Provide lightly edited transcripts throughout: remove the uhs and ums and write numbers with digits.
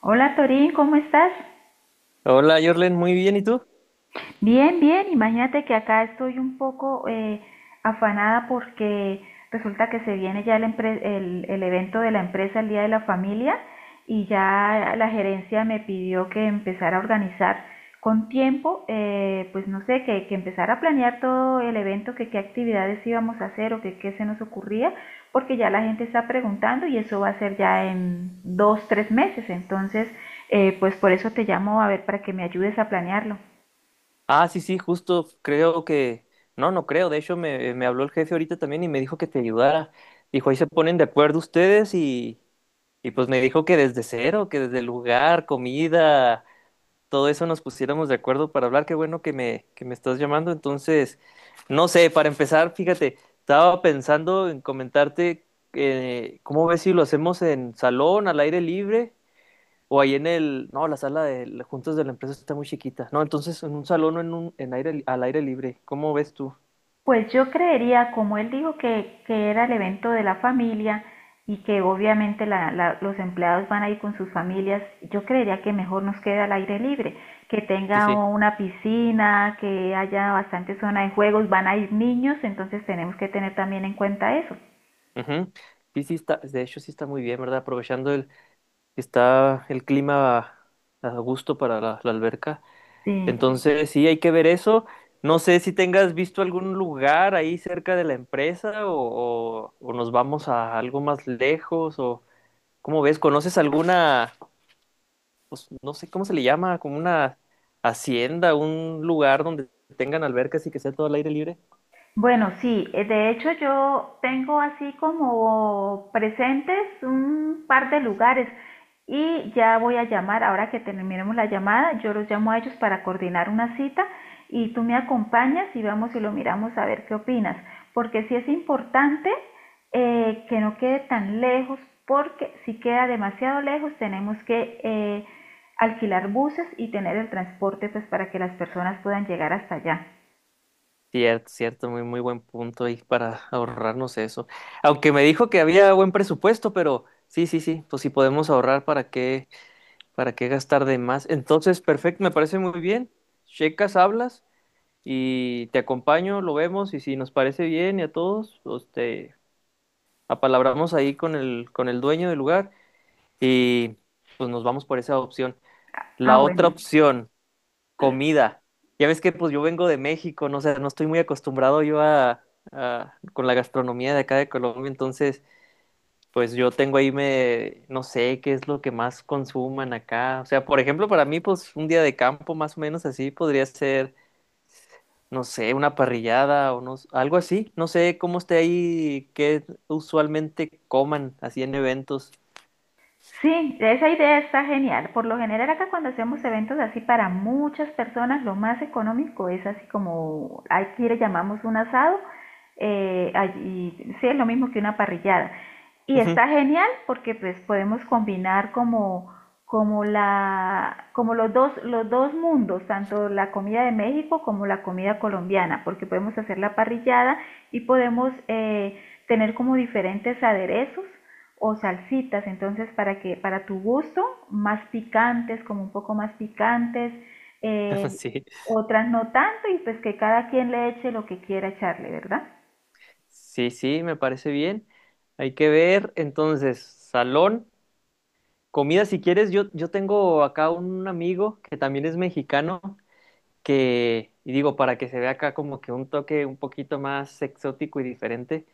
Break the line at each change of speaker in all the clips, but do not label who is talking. Hola Torín, ¿cómo estás?
Hola, Jorlen, muy bien, ¿y tú?
Bien, bien, imagínate que acá estoy un poco afanada porque resulta que se viene ya el evento de la empresa, el Día de la Familia, y ya la gerencia me pidió que empezara a organizar con tiempo, pues no sé, que empezara a planear todo el evento, que qué actividades íbamos a hacer o que qué se nos ocurría, porque ya la gente está preguntando y eso va a ser ya en 2, 3 meses, entonces, pues por eso te llamo a ver para que me ayudes a planearlo.
Ah, sí, sí, justo creo que... No, no creo, de hecho me habló el jefe ahorita también y me dijo que te ayudara. Dijo, ahí se ponen de acuerdo ustedes y pues me dijo que desde cero, que desde el lugar, comida, todo eso nos pusiéramos de acuerdo para hablar. Qué bueno que que me estás llamando. Entonces, no sé, para empezar, fíjate, estaba pensando en comentarte cómo ves si lo hacemos en salón, al aire libre. O ahí en el, no, la sala de juntas de la empresa está muy chiquita. No, entonces en un salón o en un, en al aire libre. ¿Cómo ves tú?
Pues yo creería, como él dijo que era el evento de la familia y que obviamente los empleados van a ir con sus familias, yo creería que mejor nos queda al aire libre, que
Sí,
tenga
sí.
una piscina, que haya bastante zona de juegos, van a ir niños, entonces tenemos que tener también en cuenta eso.
Ujú. Sí, sí está, de hecho sí está muy bien, ¿verdad? Aprovechando el, está el clima a gusto para la, la alberca.
Sí.
Entonces sí, hay que ver eso. No sé si tengas visto algún lugar ahí cerca de la empresa o, o nos vamos a algo más lejos o ¿cómo ves? ¿Conoces alguna? Pues no sé cómo se le llama, como una hacienda, un lugar donde tengan albercas y que sea todo al aire libre.
Bueno, sí, de hecho yo tengo así como presentes un par de lugares y ya voy a llamar, ahora que terminemos la llamada, yo los llamo a ellos para coordinar una cita y tú me acompañas y vamos y lo miramos a ver qué opinas, porque sí es importante que no quede tan lejos, porque si queda demasiado lejos tenemos que alquilar buses y tener el transporte pues para que las personas puedan llegar hasta allá.
Cierto, cierto, muy, muy buen punto ahí para ahorrarnos eso. Aunque me dijo que había buen presupuesto, pero sí, sí, sí, pues si podemos ahorrar, para qué gastar de más? Entonces, perfecto, me parece muy bien. Checas, hablas y te acompaño, lo vemos y si nos parece bien y a todos, pues te apalabramos ahí con con el dueño del lugar y pues nos vamos por esa opción.
Ah,
La otra
bueno.
opción, comida. Ya ves que pues yo vengo de México, no sé, no estoy muy acostumbrado yo a, con la gastronomía de acá de Colombia, entonces pues yo tengo ahí me, no sé qué es lo que más consuman acá. O sea, por ejemplo, para mí pues un día de campo más o menos así podría ser, no sé, una parrillada o no, algo así. No sé cómo esté ahí, qué usualmente coman así en eventos.
Sí, esa idea está genial. Por lo general acá cuando hacemos eventos así para muchas personas, lo más económico es así como aquí le llamamos un asado, eh, allí- sí es lo mismo que una parrillada. Y está genial porque pues podemos combinar como los dos mundos, tanto la comida de México como la comida colombiana, porque podemos hacer la parrillada y podemos tener como diferentes aderezos o salsitas, entonces para tu gusto, como un poco más picantes,
Ujú,
eh,
sí.
otras no tanto y pues que cada quien le eche lo que quiera echarle, ¿verdad?
Sí, sí, me parece bien. Hay que ver, entonces, salón, comida, si quieres, yo tengo acá un amigo que también es mexicano, que, y digo, para que se vea acá como que un toque un poquito más exótico y diferente,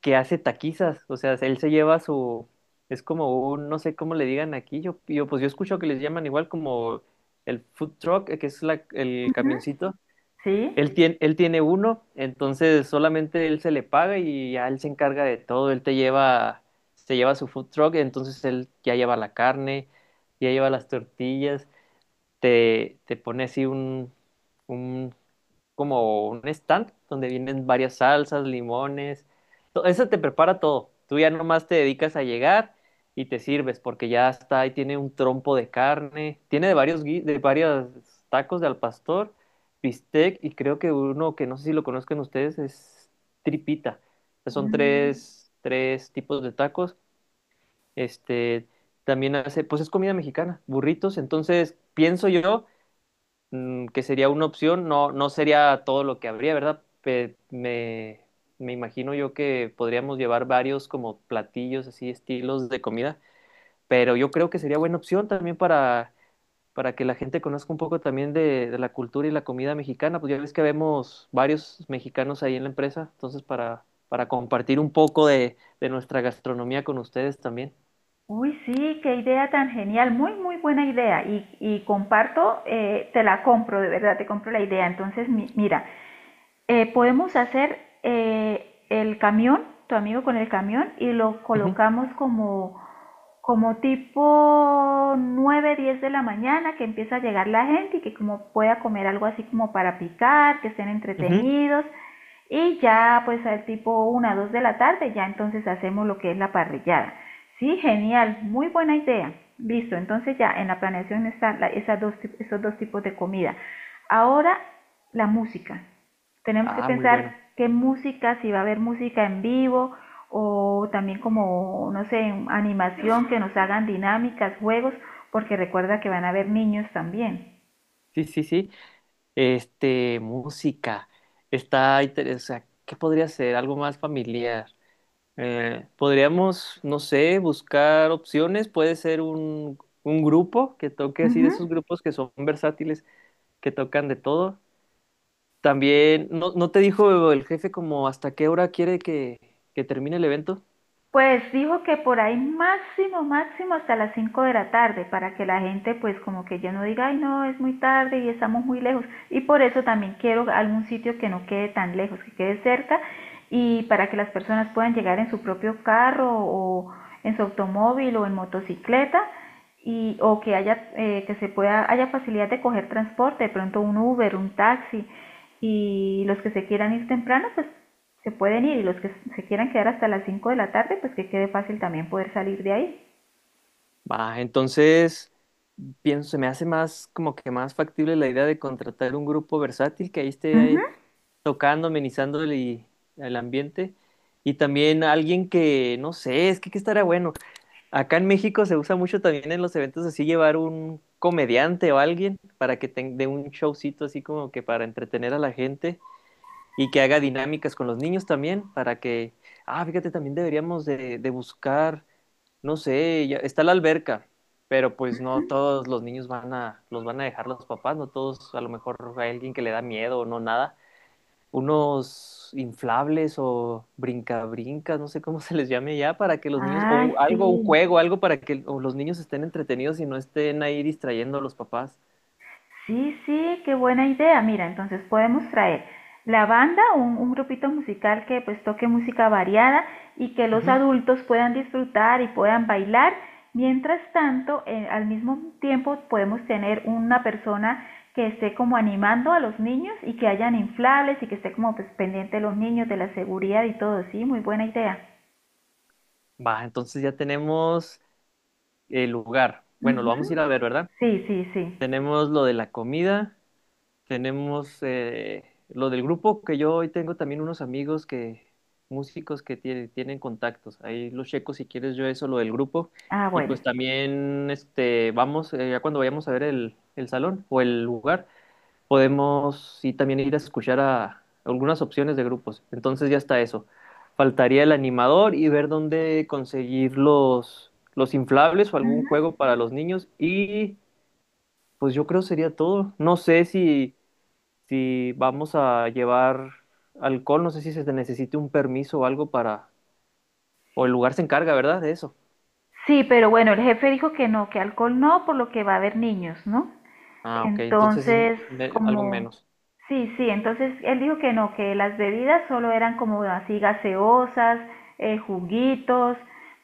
que hace taquizas, o sea, él se lleva su, es como un, no sé cómo le digan aquí, yo pues yo escucho que les llaman igual como el food truck, que es la, el
Ujú.
camioncito
Sí.
él tiene uno, entonces solamente él se le paga y ya él se encarga de todo. Él te lleva, se lleva su food truck, entonces él ya lleva la carne, ya lleva las tortillas, te pone así un como un stand donde vienen varias salsas, limones, eso te prepara todo. Tú ya nomás te dedicas a llegar y te sirves porque ya está ahí, tiene un trompo de carne, tiene de de varios tacos de al pastor, bistec y creo que uno que no sé si lo conozcan ustedes es tripita. O sea, son
Mm.
tres tipos de tacos. Este también hace, pues es comida mexicana, burritos, entonces pienso yo, mm, que sería una opción, no, no sería todo lo que habría, ¿verdad? Me imagino yo que podríamos llevar varios como platillos, así, estilos de comida, pero yo creo que sería buena opción también para que la gente conozca un poco también de la cultura y la comida mexicana, pues ya ves que vemos varios mexicanos ahí en la empresa, entonces para compartir un poco de nuestra gastronomía con ustedes también.
Uy, sí, qué idea tan genial, muy, muy buena idea. Y comparto, te la compro, de verdad, te compro la idea. Entonces, mira, podemos hacer el camión, tu amigo con el camión, y lo
Ujú,
colocamos como tipo 9, 10 de la mañana que empieza a llegar la gente y que como pueda comer algo así como para picar, que estén
ujú.
entretenidos, y ya pues al tipo 1, 2 de la tarde, ya entonces hacemos lo que es la parrillada. Sí, genial, muy buena idea. Listo, entonces ya en la planeación están esos dos tipos de comida. Ahora la música. Tenemos que
Ah, muy
pensar
bueno.
qué música, si va a haber música en vivo o también como, no sé, animación que nos hagan dinámicas, juegos, porque recuerda que van a haber niños también.
Sí, sí, sí. Este, música. Está interesante. ¿Qué podría ser? Algo más familiar. Podríamos, no sé, buscar opciones. Puede ser un grupo que toque
Uh
así, de
-huh.
esos grupos que son versátiles, que tocan de todo. También, ¿no, no te dijo el jefe como hasta qué hora quiere que termine el evento?
Pues dijo que por ahí máximo, máximo hasta las 5 de la tarde, para que la gente pues como que ya no diga, ay no, es muy tarde y estamos muy lejos. Y por eso también quiero algún sitio que no quede tan lejos, que quede cerca y para que las personas puedan llegar en su propio carro o en su automóvil o en motocicleta y o que haya que se pueda haya facilidad de coger transporte, de pronto un Uber, un taxi y los que se quieran ir temprano pues se pueden ir y los que se quieran quedar hasta las 5 de la tarde, pues que quede fácil también poder salir de ahí.
Va, entonces pienso, se me hace más como que más factible la idea de contratar un grupo versátil que ahí
Ujú.
esté tocando, amenizando el ambiente. Y también alguien que, no sé, es que qué estaría bueno. Acá en México se usa mucho también en los eventos así llevar un comediante o alguien para que tenga un showcito así como que para entretener a la gente y que haga dinámicas con los niños también para que, ah, fíjate, también deberíamos de buscar, no sé, está la alberca, pero pues no todos los niños van a, los van a dejar los papás, no todos, a lo mejor hay alguien que le da miedo o no, nada, unos inflables o brincabrincas, no sé cómo se les llame ya, para que los niños,
Ay,
o
sí,
algo, un juego, algo para que o los niños estén entretenidos y no estén ahí distrayendo a los papás.
sí, sí, qué buena idea. Mira, entonces podemos traer la banda, un grupito musical que pues toque música variada y que los
Ujú.
adultos puedan disfrutar y puedan bailar. Mientras tanto, al mismo tiempo podemos tener una persona que esté como animando a los niños y que hayan inflables y que esté como pues, pendiente de los niños, de la seguridad y todo. Sí, muy buena idea.
Va, entonces ya tenemos el lugar. Bueno, lo vamos
Ujú.
a ir a ver, ¿verdad?
Sí, sí, sí.
Tenemos lo de la comida. Tenemos lo del grupo, que yo hoy tengo también unos amigos que, músicos que tienen contactos. Ahí los checo si quieres yo eso, lo del grupo.
Ah,
Y pues
bueno.
también este, vamos, ya cuando vayamos a ver el salón o el lugar, podemos sí también ir a escuchar a algunas opciones de grupos. Entonces ya está eso. Faltaría el animador y ver dónde conseguir los inflables o algún
Ujú.
juego para los niños. Y pues yo creo sería todo. No sé si... Si vamos a llevar alcohol, no sé si se necesite un permiso o algo para... O el lugar se encarga, ¿verdad? De eso.
Sí, pero bueno, el jefe dijo que no, que alcohol no, por lo que va a haber niños, ¿no?
Ah, ok, entonces es
Entonces,
algo
como,
menos.
sí, sí, entonces él dijo que no, que las bebidas solo eran como así gaseosas, juguitos,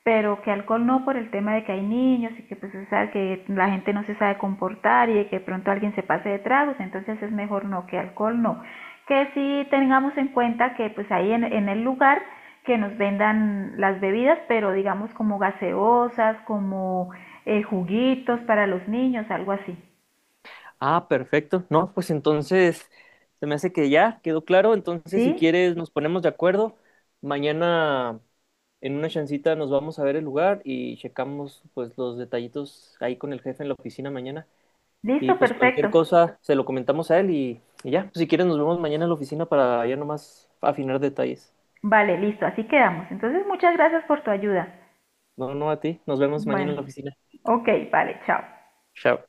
pero que alcohol no por el tema de que hay niños y que pues o sea, que la gente no se sabe comportar y de que pronto alguien se pase de tragos, entonces es mejor no, que alcohol no. Que sí tengamos en cuenta que pues ahí en el lugar que nos vendan las bebidas, pero digamos como gaseosas, como juguitos para los niños, algo así,
Ah, perfecto. No, pues entonces se me hace que ya quedó claro. Entonces, si
¿sí?
quieres, nos ponemos de acuerdo. Mañana, en una chancita, nos vamos a ver el lugar y checamos pues los detallitos ahí con el jefe en la oficina mañana. Y
Listo,
pues cualquier
perfecto.
cosa se lo comentamos a él y ya. Pues, si quieres, nos vemos mañana en la oficina para ya nomás afinar detalles.
Vale, listo, así quedamos. Entonces, muchas gracias por tu ayuda.
No, no, a ti. Nos vemos mañana
Bueno,
en la oficina.
ok, vale, chao.
Chao.